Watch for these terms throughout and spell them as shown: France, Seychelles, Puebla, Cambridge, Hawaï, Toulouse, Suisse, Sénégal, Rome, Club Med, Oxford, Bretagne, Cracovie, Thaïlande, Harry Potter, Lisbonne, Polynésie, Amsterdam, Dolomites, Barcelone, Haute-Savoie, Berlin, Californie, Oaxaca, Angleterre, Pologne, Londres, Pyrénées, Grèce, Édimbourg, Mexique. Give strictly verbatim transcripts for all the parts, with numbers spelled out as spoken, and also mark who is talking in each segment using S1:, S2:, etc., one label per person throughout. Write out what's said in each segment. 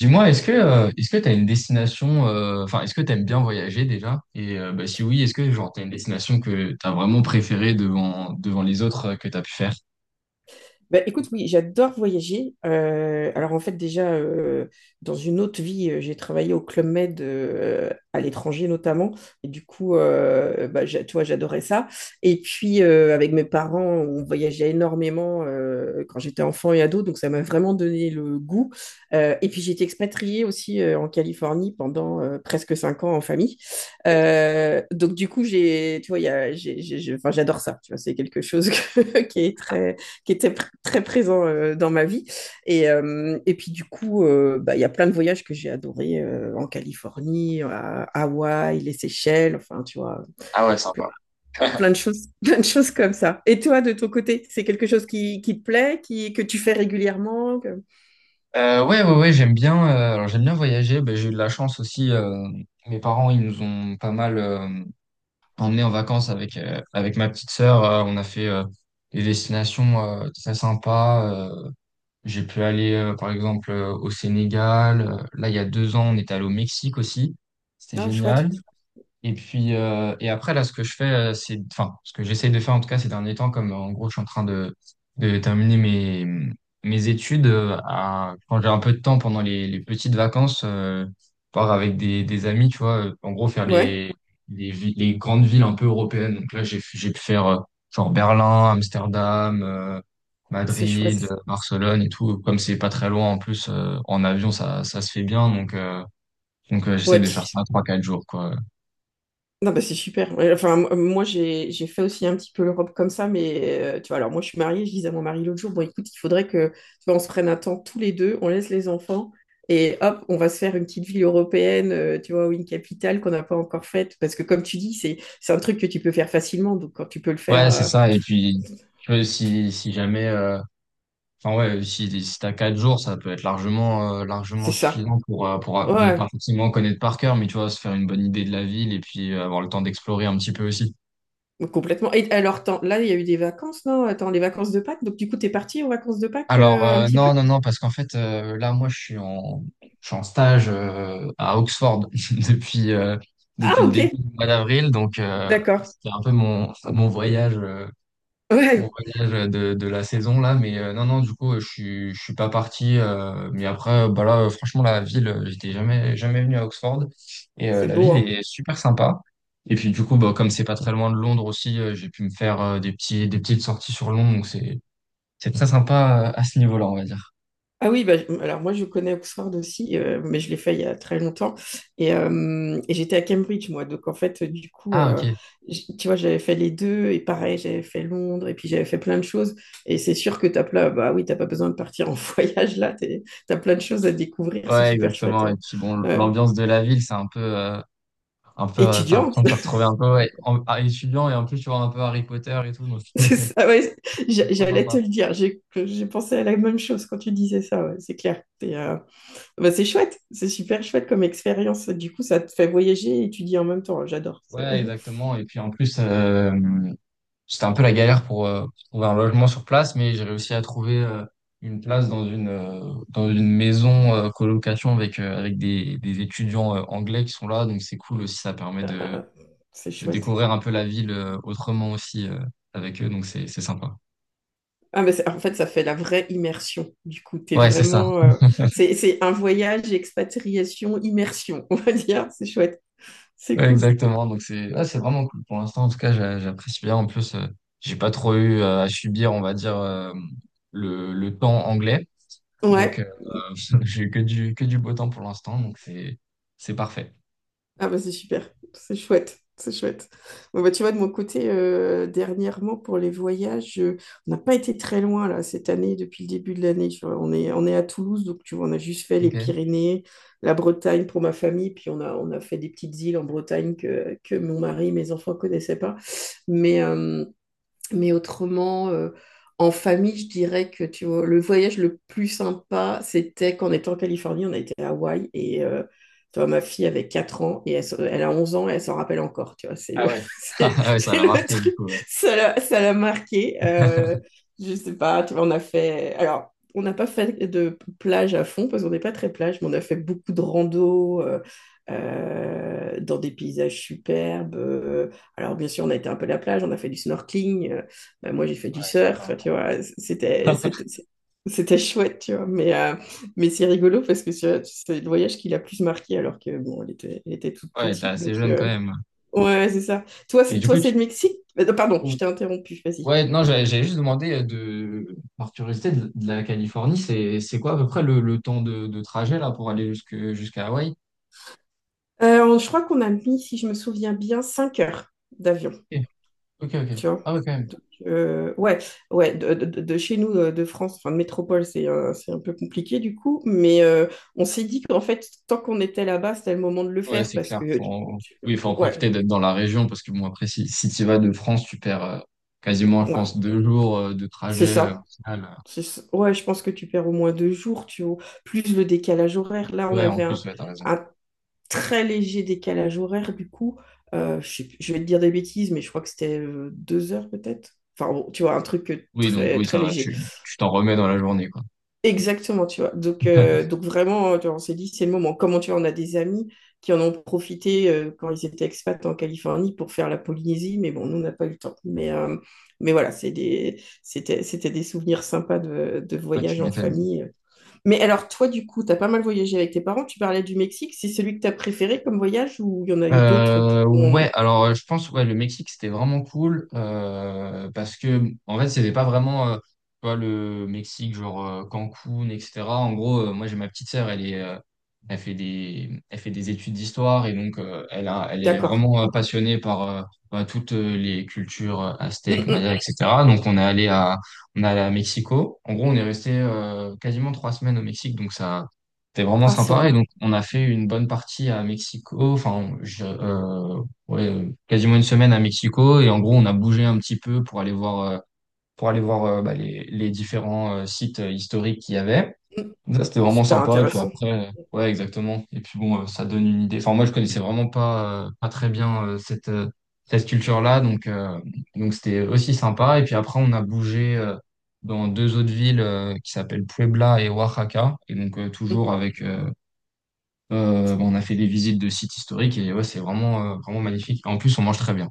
S1: Dis-moi, est-ce que euh, est-ce que tu as une destination, euh, enfin, est-ce que tu aimes bien voyager déjà? Et euh, bah, si oui, est-ce que genre, tu as une destination que tu as vraiment préférée devant, devant les autres euh, que tu as pu faire?
S2: Bah, écoute, oui, j'adore voyager. Euh, alors en fait, déjà, euh, dans une autre vie, euh, j'ai travaillé au Club Med, euh, à l'étranger notamment. Et du coup, euh, bah, j'a- tu vois, j'adorais ça. Et puis, euh, avec mes parents, on voyageait énormément, euh, quand j'étais enfant et ado. Donc, ça m'a vraiment donné le goût. Euh, et puis, j'ai été expatriée aussi, euh, en Californie pendant, euh, presque cinq ans en famille. Euh, donc, du coup, j'ai, tu vois, il y a- j'ai- j'ai- j'ai- enfin, j'adore ça. Tu vois, c'est quelque chose que- qui est très qui était pr- très présent, euh, dans ma vie. Et, euh, et puis du coup, euh, bah, il y a plein de voyages que j'ai adorés, euh, en Californie, à Hawaï, les Seychelles, enfin, tu vois,
S1: Ah ouais,
S2: plein,
S1: sympa.
S2: plein de choses, plein de choses comme ça. Et toi, de ton côté, c'est quelque chose qui, qui te plaît, qui, que tu fais régulièrement que-
S1: Euh, ouais, ouais, ouais, j'aime bien, euh, alors j'aime bien voyager. Ben, j'ai eu de la chance aussi. Euh, mes parents, ils nous ont pas mal euh, emmenés en vacances avec, euh, avec ma petite sœur. Euh, on a fait euh, des destinations euh, très sympas. euh, J'ai pu aller, euh, par exemple, euh, au Sénégal. Euh, Là, il y a deux ans, on est allé au Mexique aussi. C'était
S2: Ah,
S1: génial.
S2: chouette.
S1: Et puis, euh, et après, là, ce que je fais, euh, c'est, enfin, ce que j'essaye de faire, en tout cas, ces derniers temps, comme euh, en gros, je suis en train de, de terminer mes, mes études, euh, à- quand j'ai un peu de temps pendant les, les petites vacances, euh, part avec des, des amis, tu vois, euh, en gros, faire
S2: Ouais,
S1: les, les, vi- les grandes villes un peu européennes. Donc là, j'ai, j'ai pu faire, euh, genre Berlin, Amsterdam, euh,
S2: c'est
S1: Madrid,
S2: chouette.
S1: euh, Barcelone et tout. Comme c'est pas très loin, en plus, euh, en avion, ça, ça se fait bien. Donc, euh, donc, euh, j'essaie
S2: Ouais,
S1: de faire ça trois, quatre jours, quoi.
S2: non, bah, c'est super. Ouais, enfin, m- moi, j'ai, j'ai fait aussi un petit peu l'Europe comme ça, mais, euh, tu vois, alors moi, je suis mariée, je disais à mon mari l'autre jour, bon, écoute, il faudrait que, tu vois, on se prenne un temps tous les deux, on laisse les enfants, et hop, on va se faire une petite ville européenne, euh, tu vois, ou une capitale qu'on n'a pas encore faite, parce que comme tu dis, c'est, c'est un truc que tu peux faire facilement, donc quand tu peux le faire,
S1: Ouais, c'est
S2: euh,
S1: ça. Et puis, tu vois, si, si jamais, euh, enfin, ouais, si, si t'as quatre jours, ça peut être largement, euh, largement
S2: c'est ça.
S1: suffisant pour, euh, pour, euh, bon,
S2: Ouais,
S1: pas forcément connaître par cœur, mais tu vois, se faire une bonne idée de la ville et puis euh, avoir le temps d'explorer un petit peu aussi.
S2: complètement. Et alors, t'en- là, il y a eu des vacances, non? Attends, les vacances de Pâques, donc du coup, t'es parti aux vacances de Pâques,
S1: Alors,
S2: euh, un
S1: euh,
S2: petit peu?
S1: non, non, non, parce qu'en fait, euh, là, moi, je suis en, je suis en stage euh, à Oxford depuis, euh,
S2: Ah,
S1: depuis le
S2: ok,
S1: début du mois d'avril. Donc, euh,
S2: d'accord.
S1: c'était un peu mon, mon voyage. euh, mon
S2: Ouais,
S1: voyage euh, de, de la saison là, mais euh, non, non, du coup, euh, je suis, je suis pas parti. Euh, mais après, euh, bah là, euh, franchement, la ville, euh, j'étais jamais, jamais venu à Oxford. Et euh,
S2: c'est
S1: la
S2: beau,
S1: ville
S2: hein.
S1: est super sympa. Et puis du coup, bah, comme c'est pas très loin de Londres aussi, euh, j'ai pu me faire euh, des petits, des petites sorties sur Londres. Donc c'est, c'est très sympa euh, à ce niveau-là, on va dire.
S2: Ah oui, bah, alors moi je connais Oxford aussi, euh, mais je l'ai fait il y a très longtemps. Et, euh, et j'étais à Cambridge, moi. Donc en fait, du coup,
S1: Ah
S2: euh,
S1: ok.
S2: j- tu vois, j'avais fait les deux, et pareil, j'avais fait Londres, et puis j'avais fait plein de choses. Et c'est sûr que t'as plein, bah oui, t'as pas besoin de partir en voyage là, t'es- t'as plein de choses à découvrir, c'est
S1: Ouais,
S2: super chouette.
S1: exactement. Et puis bon,
S2: Ouais. Euh,
S1: l'ambiance de la ville, c'est un peu, euh, un peu, euh, t'as
S2: étudiant,
S1: l'impression de te retrouver un peu ouais, en, à étudiant et en plus tu vois un peu Harry Potter et tout. Donc
S2: c'est ça,
S1: c'est
S2: ouais, j'-
S1: trop
S2: j'allais te
S1: sympa.
S2: le dire, j'ai j'ai pensé à la même chose quand tu disais ça, ouais, c'est clair. T'es, euh, Bah, c'est chouette, c'est super chouette comme expérience. Du coup, ça te fait voyager et étudier en même temps. J'adore. C'est
S1: Ouais, exactement. Et puis en plus, euh, c'était un peu la galère pour, euh, pour trouver un logement sur place, mais j'ai réussi à trouver euh, une place dans une, euh, dans une maison euh, colocation avec, euh, avec des, des étudiants euh, anglais qui sont là. Donc c'est cool aussi, ça permet de,
S2: euh, c'est
S1: de
S2: chouette.
S1: découvrir un peu la ville euh, autrement aussi euh, avec eux. Donc c'est, c'est sympa.
S2: Ah, mais c'est- en fait, ça fait la vraie immersion. Du coup, t'es
S1: Ouais, c'est ça.
S2: vraiment. Euh, c'est c'est un voyage, expatriation, immersion, on va dire. C'est chouette. C'est
S1: Ouais,
S2: cool.
S1: exactement. Donc c'est ouais, c'est vraiment cool pour l'instant. En tout cas, j'a- j'apprécie bien. En plus, euh, j'ai pas trop eu euh, à subir, on va dire, euh, le, le temps anglais. Donc,
S2: Ouais.
S1: j'ai eu que du, que du beau temps pour l'instant, donc c'est, c'est parfait.
S2: Ah bah c'est super, c'est chouette, c'est chouette. Bon bah tu vois, de mon côté, euh, dernièrement pour les voyages, euh, on n'a pas été très loin là cette année, depuis le début de l'année. Tu vois, on est, on est à Toulouse, donc tu vois, on a juste fait les
S1: Ok.
S2: Pyrénées, la Bretagne pour ma famille, puis on a, on a fait des petites îles en Bretagne que, que mon mari, mes enfants connaissaient pas. Mais, euh, mais autrement, euh, en famille, je dirais que tu vois, le voyage le plus sympa, c'était qu'en étant en Californie, on a été à Hawaï et, euh, tu vois, ma fille avait quatre ans et elle, se- elle a onze ans et elle s'en rappelle encore, tu vois, c'est le,
S1: Ah ouais.
S2: c'est,
S1: Ah ouais, ça
S2: c'est
S1: l'a
S2: le
S1: marqué, du
S2: truc,
S1: coup. Ouais,
S2: ça l'a ça l'a marqué. Euh, je sais pas, tu vois, on a fait, alors, on n'a pas fait de plage à fond parce qu'on n'est pas très plage, mais on a fait beaucoup de rando, euh, euh, dans des paysages superbes. Euh, alors, bien sûr, on a été un peu à la plage, on a fait du snorkeling, euh, ben, moi, j'ai fait du surf, enfin,
S1: ouais,
S2: tu vois. C'était,
S1: sympa.
S2: c'était, c'était chouette, tu vois. Mais, euh, mais c'est rigolo parce que tu c'est le voyage qui l'a plus marqué alors que, bon, elle était, elle était toute
S1: Ouais, t'es
S2: petite.
S1: assez
S2: Donc,
S1: jeune quand
S2: euh,
S1: même.
S2: ouais, ouais, c'est ça. Toi,
S1: Et
S2: c'est,
S1: du
S2: toi,
S1: coup,
S2: c'est
S1: tu...
S2: le Mexique? Euh, Pardon, je t'ai interrompu, vas-y.
S1: Ouais, non, j'avais j'avais juste demandé euh, de, par curiosité, de, de la Californie, c'est, c'est quoi à peu près le, le temps de, de trajet là pour aller jusque, jusqu'à Hawaï?
S2: Euh, je crois qu'on a mis, si je me souviens bien, cinq heures d'avion.
S1: Ok, ok, ok.
S2: Tu vois?
S1: Ah ouais, quand même.
S2: Donc, euh, ouais, ouais, de, de- de chez nous, euh, de France, enfin de métropole, c'est un, c'est un peu compliqué du coup, mais, euh, on s'est dit qu'en fait, tant qu'on était là-bas, c'était le moment de le
S1: Ouais,
S2: faire
S1: c'est
S2: parce
S1: clair.
S2: que, tu-
S1: Faut...
S2: tu-
S1: Oui, il faut en
S2: ouais,
S1: profiter d'être dans la région parce que bon, après, si, si tu vas de France, tu perds euh, quasiment, je
S2: ouais,
S1: pense, deux jours euh, de
S2: c'est
S1: trajet euh, au
S2: ça.
S1: final. euh,
S2: C'est ça. Ouais, je pense que tu perds au moins deux jours, tu vois, plus le décalage horaire. Là, on
S1: Ouais, en
S2: avait
S1: plus,
S2: un,
S1: ouais, t'as raison.
S2: un très léger décalage horaire du coup. Euh, je, sais plus- je vais te dire des bêtises, mais je crois que c'était, euh, deux heures peut-être. Enfin, bon, tu vois, un truc, euh,
S1: Oui, donc
S2: très,
S1: oui,
S2: très
S1: ça va,
S2: léger.
S1: tu tu t'en remets dans la journée, quoi.
S2: Exactement, tu vois. Donc, euh, donc vraiment, tu vois, on s'est dit, c'est le moment. Comment tu vois, on a des amis qui en ont profité, euh, quand ils étaient expats en Californie pour faire la Polynésie, mais bon, nous, on n'a pas eu le temps. Mais, euh, mais voilà, c'est des, c'était, c'était des souvenirs sympas de, de
S1: Ah, tu
S2: voyage en
S1: m'étonnes.
S2: famille. Mais alors, toi, du coup, tu as pas mal voyagé avec tes parents. Tu parlais du Mexique. C'est celui que tu as préféré comme voyage ou il y en a eu d'autres qui
S1: Euh,
S2: ont...
S1: ouais, alors euh, je pense ouais le Mexique c'était vraiment cool euh, parce que en fait c'était pas vraiment euh, tu vois, le Mexique genre euh, Cancun et cetera. En gros euh, moi j'ai ma petite sœur elle est euh, elle fait des elle fait des études d'histoire et donc euh, elle a elle est
S2: D'accord.
S1: vraiment euh, passionnée par euh, bah, toutes euh, les cultures euh, aztèques,
S2: Mm,
S1: mayas
S2: mm.
S1: et cetera. Donc on est allé à on est allé à Mexico. En gros on est resté euh, quasiment trois semaines au Mexique. Donc ça, c'était vraiment
S2: Ah, c'est
S1: sympa.
S2: un-
S1: Et donc, on a fait une bonne partie à Mexico. Enfin, je- euh, ouais, euh, quasiment une semaine à Mexico. Et en gros, on a bougé un petit peu pour aller voir, euh, pour aller voir euh, bah, les, les différents euh, sites euh, historiques qu'il y avait.
S2: mm,
S1: Ça, c'était vraiment
S2: super
S1: sympa. Et puis
S2: intéressant.
S1: après, euh, ouais, exactement. Et puis bon, euh, ça donne une idée. Enfin, moi, je connaissais vraiment pas, euh, pas très bien euh, cette, euh, cette culture-là. Donc, euh, donc c'était aussi sympa. Et puis après, on a bougé euh, dans deux autres villes euh, qui s'appellent Puebla et Oaxaca. Et donc, euh,
S2: Mm.
S1: toujours avec, euh, euh, on a fait des visites de sites historiques et ouais, c'est vraiment, euh, vraiment magnifique. En plus, on mange très bien.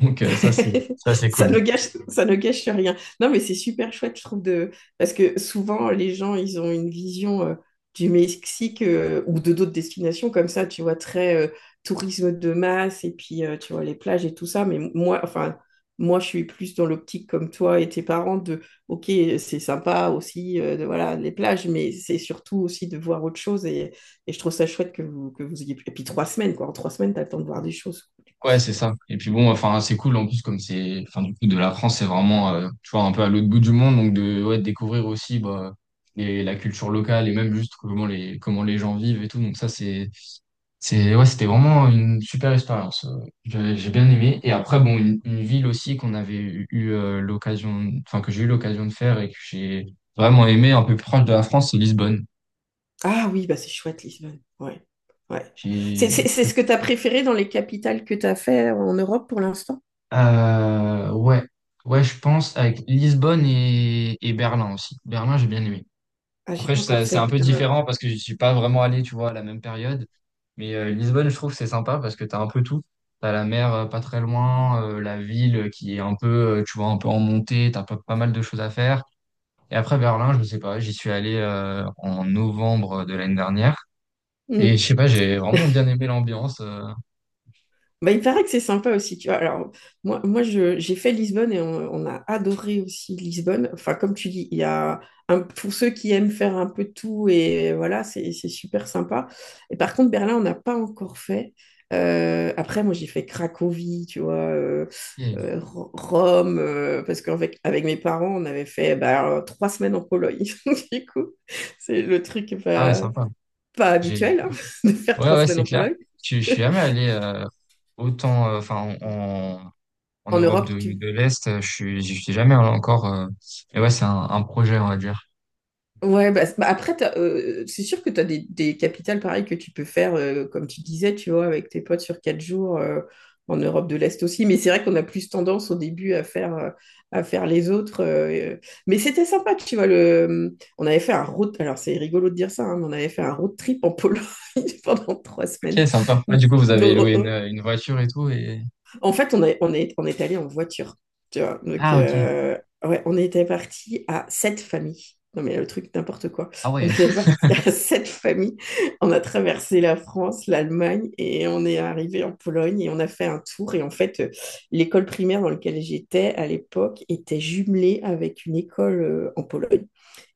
S1: Donc euh, ça, c'est ça, c'est
S2: ça
S1: cool.
S2: ne gâche, ça ne gâche rien. Non, mais c'est super chouette, je trouve, de... parce que souvent, les gens, ils ont une vision, euh, du Mexique, euh, ou de d'autres destinations comme ça, tu vois, très, euh, tourisme de masse et puis, euh, tu vois, les plages et tout ça. Mais moi, enfin, moi, je suis plus dans l'optique comme toi et tes parents de, ok, c'est sympa aussi, euh, de, voilà, les plages, mais c'est surtout aussi de voir autre chose. Et, et je trouve ça chouette que vous, que vous, ayez... pu- Et puis, trois semaines, quoi. En trois semaines, t'attends de voir des choses. Du coup,
S1: Ouais,
S2: c'est...
S1: c'est ça. Et puis bon, enfin, c'est cool en plus comme c'est, enfin, du coup, de la France, c'est vraiment, euh, tu vois, un peu à l'autre bout du monde, donc de, ouais, de découvrir aussi bah, les- la culture locale et même juste comment les, comment les gens vivent et tout. Donc ça, c'est C'est, ouais, c'était vraiment une super expérience. Euh, J'ai j'ai bien aimé. Et après, bon, une, une ville aussi qu'on avait eu, eu, euh, l'occasion, enfin, que j'ai eu l'occasion de faire et que j'ai vraiment aimé, un peu plus proche de la France, c'est Lisbonne.
S2: Ah oui, bah c'est chouette, Lisbonne. Ouais. Ouais. C'est
S1: J'ai-
S2: c'est- c'est ce que tu as préféré dans les capitales que tu as fait en Europe pour l'instant?
S1: Euh, ouais, ouais, je pense avec Lisbonne et, et Berlin aussi. Berlin, j'ai bien aimé.
S2: Ah, j'ai
S1: Après,
S2: pas
S1: je-
S2: encore
S1: ça- c'est
S2: fait.
S1: un peu
S2: euh,
S1: différent parce que je suis pas vraiment allé, tu vois, à la même période. Mais euh, Lisbonne, je trouve que c'est sympa parce que tu as un peu tout. Tu as la mer euh, pas très loin, euh, la ville qui est un peu, euh, tu vois, un peu en montée, tu as pas, pas mal de choses à faire. Et après, Berlin, je sais pas, j'y suis allé euh, en novembre de l'année dernière. Et je sais pas, j'ai vraiment bien aimé l'ambiance. euh.
S2: Bah, il paraît que c'est sympa aussi, tu vois. Alors, moi, moi je, j'ai fait Lisbonne et on, on a adoré aussi Lisbonne. Enfin, comme tu dis, il y a un- pour ceux qui aiment faire un peu de tout et voilà, c'est, c'est super sympa. Et par contre, Berlin, on n'a pas encore fait. Euh, après, moi, j'ai fait Cracovie, tu vois, euh,
S1: Et-
S2: euh, Ro- Rome, euh, parce qu'avec avec mes parents, on avait fait bah, trois semaines en Pologne. Du coup, c'est le truc
S1: Ah ouais,
S2: pas,
S1: sympa.
S2: pas
S1: J'ai...
S2: habituel, hein, de faire
S1: Ouais,
S2: trois
S1: ouais,
S2: semaines
S1: c'est
S2: en
S1: clair.
S2: Pologne.
S1: Je, je suis jamais allé euh, autant, euh, enfin, en
S2: En
S1: Europe de,
S2: Europe, tu
S1: de l'Est. euh, Je suis, j'y suis jamais allé encore. Euh, mais ouais, c'est un, un projet, on va dire.
S2: Ouais, bah, c'est- bah, après, t'as, euh, c'est sûr que tu as des, des capitales pareilles que tu peux faire, euh, comme tu disais, tu vois, avec tes potes sur quatre jours, euh, en Europe de l'Est aussi. Mais c'est vrai qu'on a plus tendance au début à faire, euh, à faire les autres. euh, euh. Mais c'était sympa, tu vois. Le... euh, On avait fait un road... Alors, c'est rigolo de dire ça, hein, mais on avait fait un road trip en Pologne pendant trois semaines.
S1: Ok, sympa. Ah, du coup, vous
S2: Donc,
S1: avez
S2: oh,
S1: loué une,
S2: oh,
S1: une voiture et tout et...
S2: en fait, on, est, on, est, on est allé en voiture, tu vois. Donc,
S1: Ah, ok.
S2: euh, ouais, on était parti à sept familles. Non, mais le truc, n'importe quoi.
S1: Ah
S2: On
S1: ouais.
S2: était parti à sept familles. On a traversé la France, l'Allemagne et on est arrivé en Pologne et on a fait un tour. Et en fait, euh, l'école primaire dans laquelle j'étais à l'époque était jumelée avec une école, euh, en Pologne.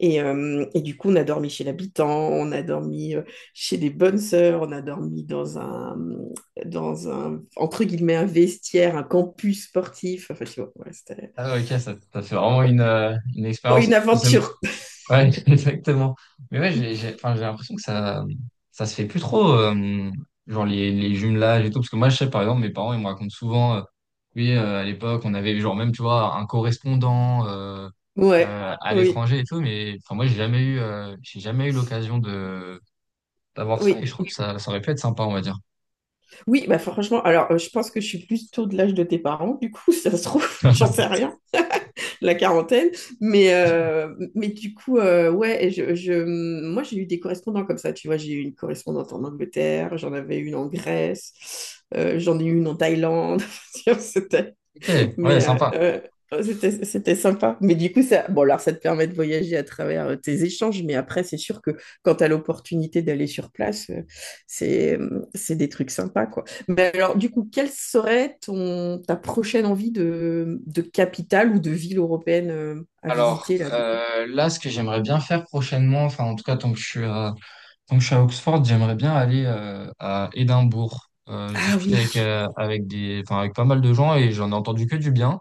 S2: Et, euh, et du coup, on a dormi chez l'habitant, on a dormi, euh, chez des bonnes sœurs, on a dormi dans un, dans un, entre guillemets, un vestiaire, un campus sportif. Enfin, je sais pas, ouais, c'était
S1: Ah ouais, ok, ça, ça fait vraiment une, euh, une
S2: oh,
S1: expérience.
S2: une aventure.
S1: Ouais, exactement. Mais ouais, j'ai, j'ai, enfin, j'ai l'impression que ça, ça se fait plus trop, euh, genre les, les jumelages et tout. Parce que moi, je sais, par exemple, mes parents, ils me racontent souvent, euh, oui, euh, à l'époque, on avait genre même, tu vois, un correspondant euh,
S2: Ouais,
S1: euh, à
S2: oui.
S1: l'étranger et tout. Mais enfin, moi, j'ai jamais eu, euh, j'ai jamais eu l'occasion de d'avoir
S2: Oui,
S1: ça. Et je trouve que ça, ça aurait pu être sympa, on va dire.
S2: oui, bah franchement, alors, euh, je pense que je suis plus tôt de l'âge de tes parents, du coup, ça se trouve, j'en sais rien, la quarantaine, mais, euh, mais du coup, euh, ouais, je, je- moi j'ai eu des correspondants comme ça, tu vois, j'ai eu une correspondante en Angleterre, j'en avais une en Grèce, euh, j'en ai eu une en Thaïlande, c'était
S1: Ok, ouais,
S2: Mais,
S1: sympa.
S2: euh, euh, oh, c'était, c'était sympa. Mais du coup, ça, bon, alors ça te permet de voyager à travers, euh, tes échanges, mais après, c'est sûr que quand tu as l'opportunité d'aller sur place, euh, c'est, euh, c'est des trucs sympas, quoi. Mais alors, du coup, quelle serait ton, ta prochaine envie de, de capitale ou de ville européenne, euh, à
S1: Alors,
S2: visiter, là, du coup?
S1: euh, là, ce que j'aimerais bien faire prochainement, enfin, en tout cas, tant que je suis à... Donc je suis à Oxford, j'aimerais bien aller euh, à Édimbourg. Euh, je
S2: Ah
S1: discutais
S2: oui.
S1: avec, euh, avec des, enfin, avec pas mal de gens et j'en ai entendu que du bien.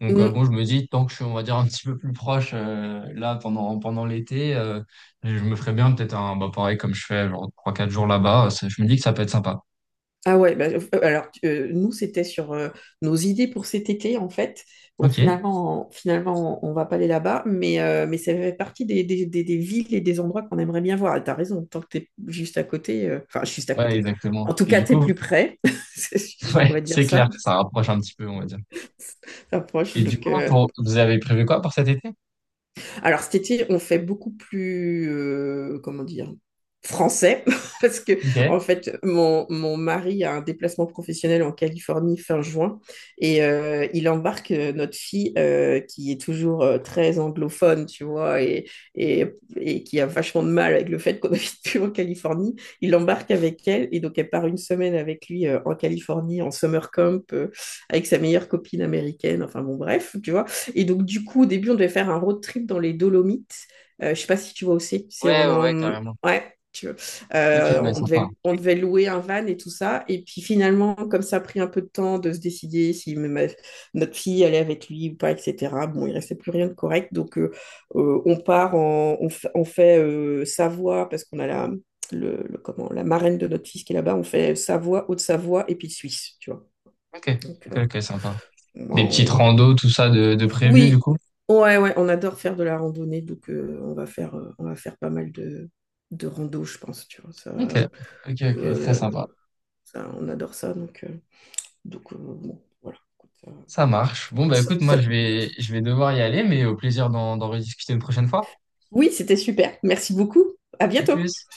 S1: Donc euh, bon, je me dis, tant que je suis, on va dire, un petit peu plus proche euh, là pendant, pendant l'été, euh, je me ferais bien peut-être un, bah, pareil comme je fais, genre trois quatre jours là-bas. euh, Ça... Je me dis que ça peut être sympa.
S2: Ah ouais, bah, euh, alors, euh, nous c'était sur, euh, nos idées pour cet été en fait. Bon
S1: Ok.
S2: finalement, finalement on va pas aller là-bas, mais, euh, mais ça fait partie des, des- des- des villes et des endroits qu'on aimerait bien voir. Et t'as raison, tant que t'es juste à côté, euh, enfin juste à
S1: Ouais,
S2: côté.
S1: exactement.
S2: En tout
S1: Et
S2: cas,
S1: du
S2: t'es
S1: coup,
S2: plus près, C'est- on
S1: ouais,
S2: va dire
S1: c'est clair,
S2: ça,
S1: ça rapproche un petit peu, on va dire.
S2: t'approches.
S1: Et du
S2: Donc,
S1: coup,
S2: euh,
S1: pour, vous avez prévu quoi pour cet été?
S2: alors cet été, on fait beaucoup plus, euh, comment dire, français, parce que
S1: Ok. Ouais,
S2: en fait, mon, mon mari a un déplacement professionnel en Californie fin juin et, euh, il embarque, euh, notre fille, euh, qui est toujours, euh, très anglophone, tu vois, et, et, et qui a vachement de mal avec le fait qu'on habite plus en Californie. Il l'embarque avec elle et donc elle part une semaine avec lui, euh, en Californie, en summer camp, euh, avec sa meilleure copine américaine, enfin bon, bref, tu vois. Et donc, du coup, au début, on devait faire un road trip dans les Dolomites. Euh, je ne sais pas si tu vois aussi. C'est
S1: ouais,
S2: en,
S1: ouais,
S2: en-
S1: carrément.
S2: Ouais, tu vois.
S1: Ok,
S2: Euh,
S1: ouais,
S2: on
S1: sympa.
S2: devait, on devait louer un van et tout ça. Et puis finalement, comme ça a pris un peu de temps de se décider si ma- notre fille allait avec lui ou pas, et cetera. Bon, il restait plus rien de correct. Donc, euh, euh, on part en... On, fa- on fait, euh, Savoie parce qu'on a la... Le, le- comment, la marraine de notre fils qui est là-bas, on fait Savoie, Haute-Savoie et puis Suisse, tu vois.
S1: Ok,
S2: Donc,
S1: ok,
S2: euh,
S1: ok, sympa. Des petites
S2: on,
S1: randos, tout ça de, de prévu du
S2: oui,
S1: coup?
S2: ouais, ouais, on adore faire de la randonnée, donc, euh, on va faire, euh, on va faire pas mal de, de rando, je pense, tu vois. Ça,
S1: Ok,
S2: euh,
S1: ok, ok, très sympa.
S2: le- ça, on adore ça, donc, euh, donc, euh, bon, voilà. Écoute,
S1: Ça marche. Bon, bah
S2: ça-
S1: écoute, moi
S2: ça- ça-
S1: je vais, je vais devoir y aller, mais au plaisir d'en d'en rediscuter une prochaine fois.
S2: oui, c'était super. Merci beaucoup. À
S1: À
S2: bientôt.
S1: plus.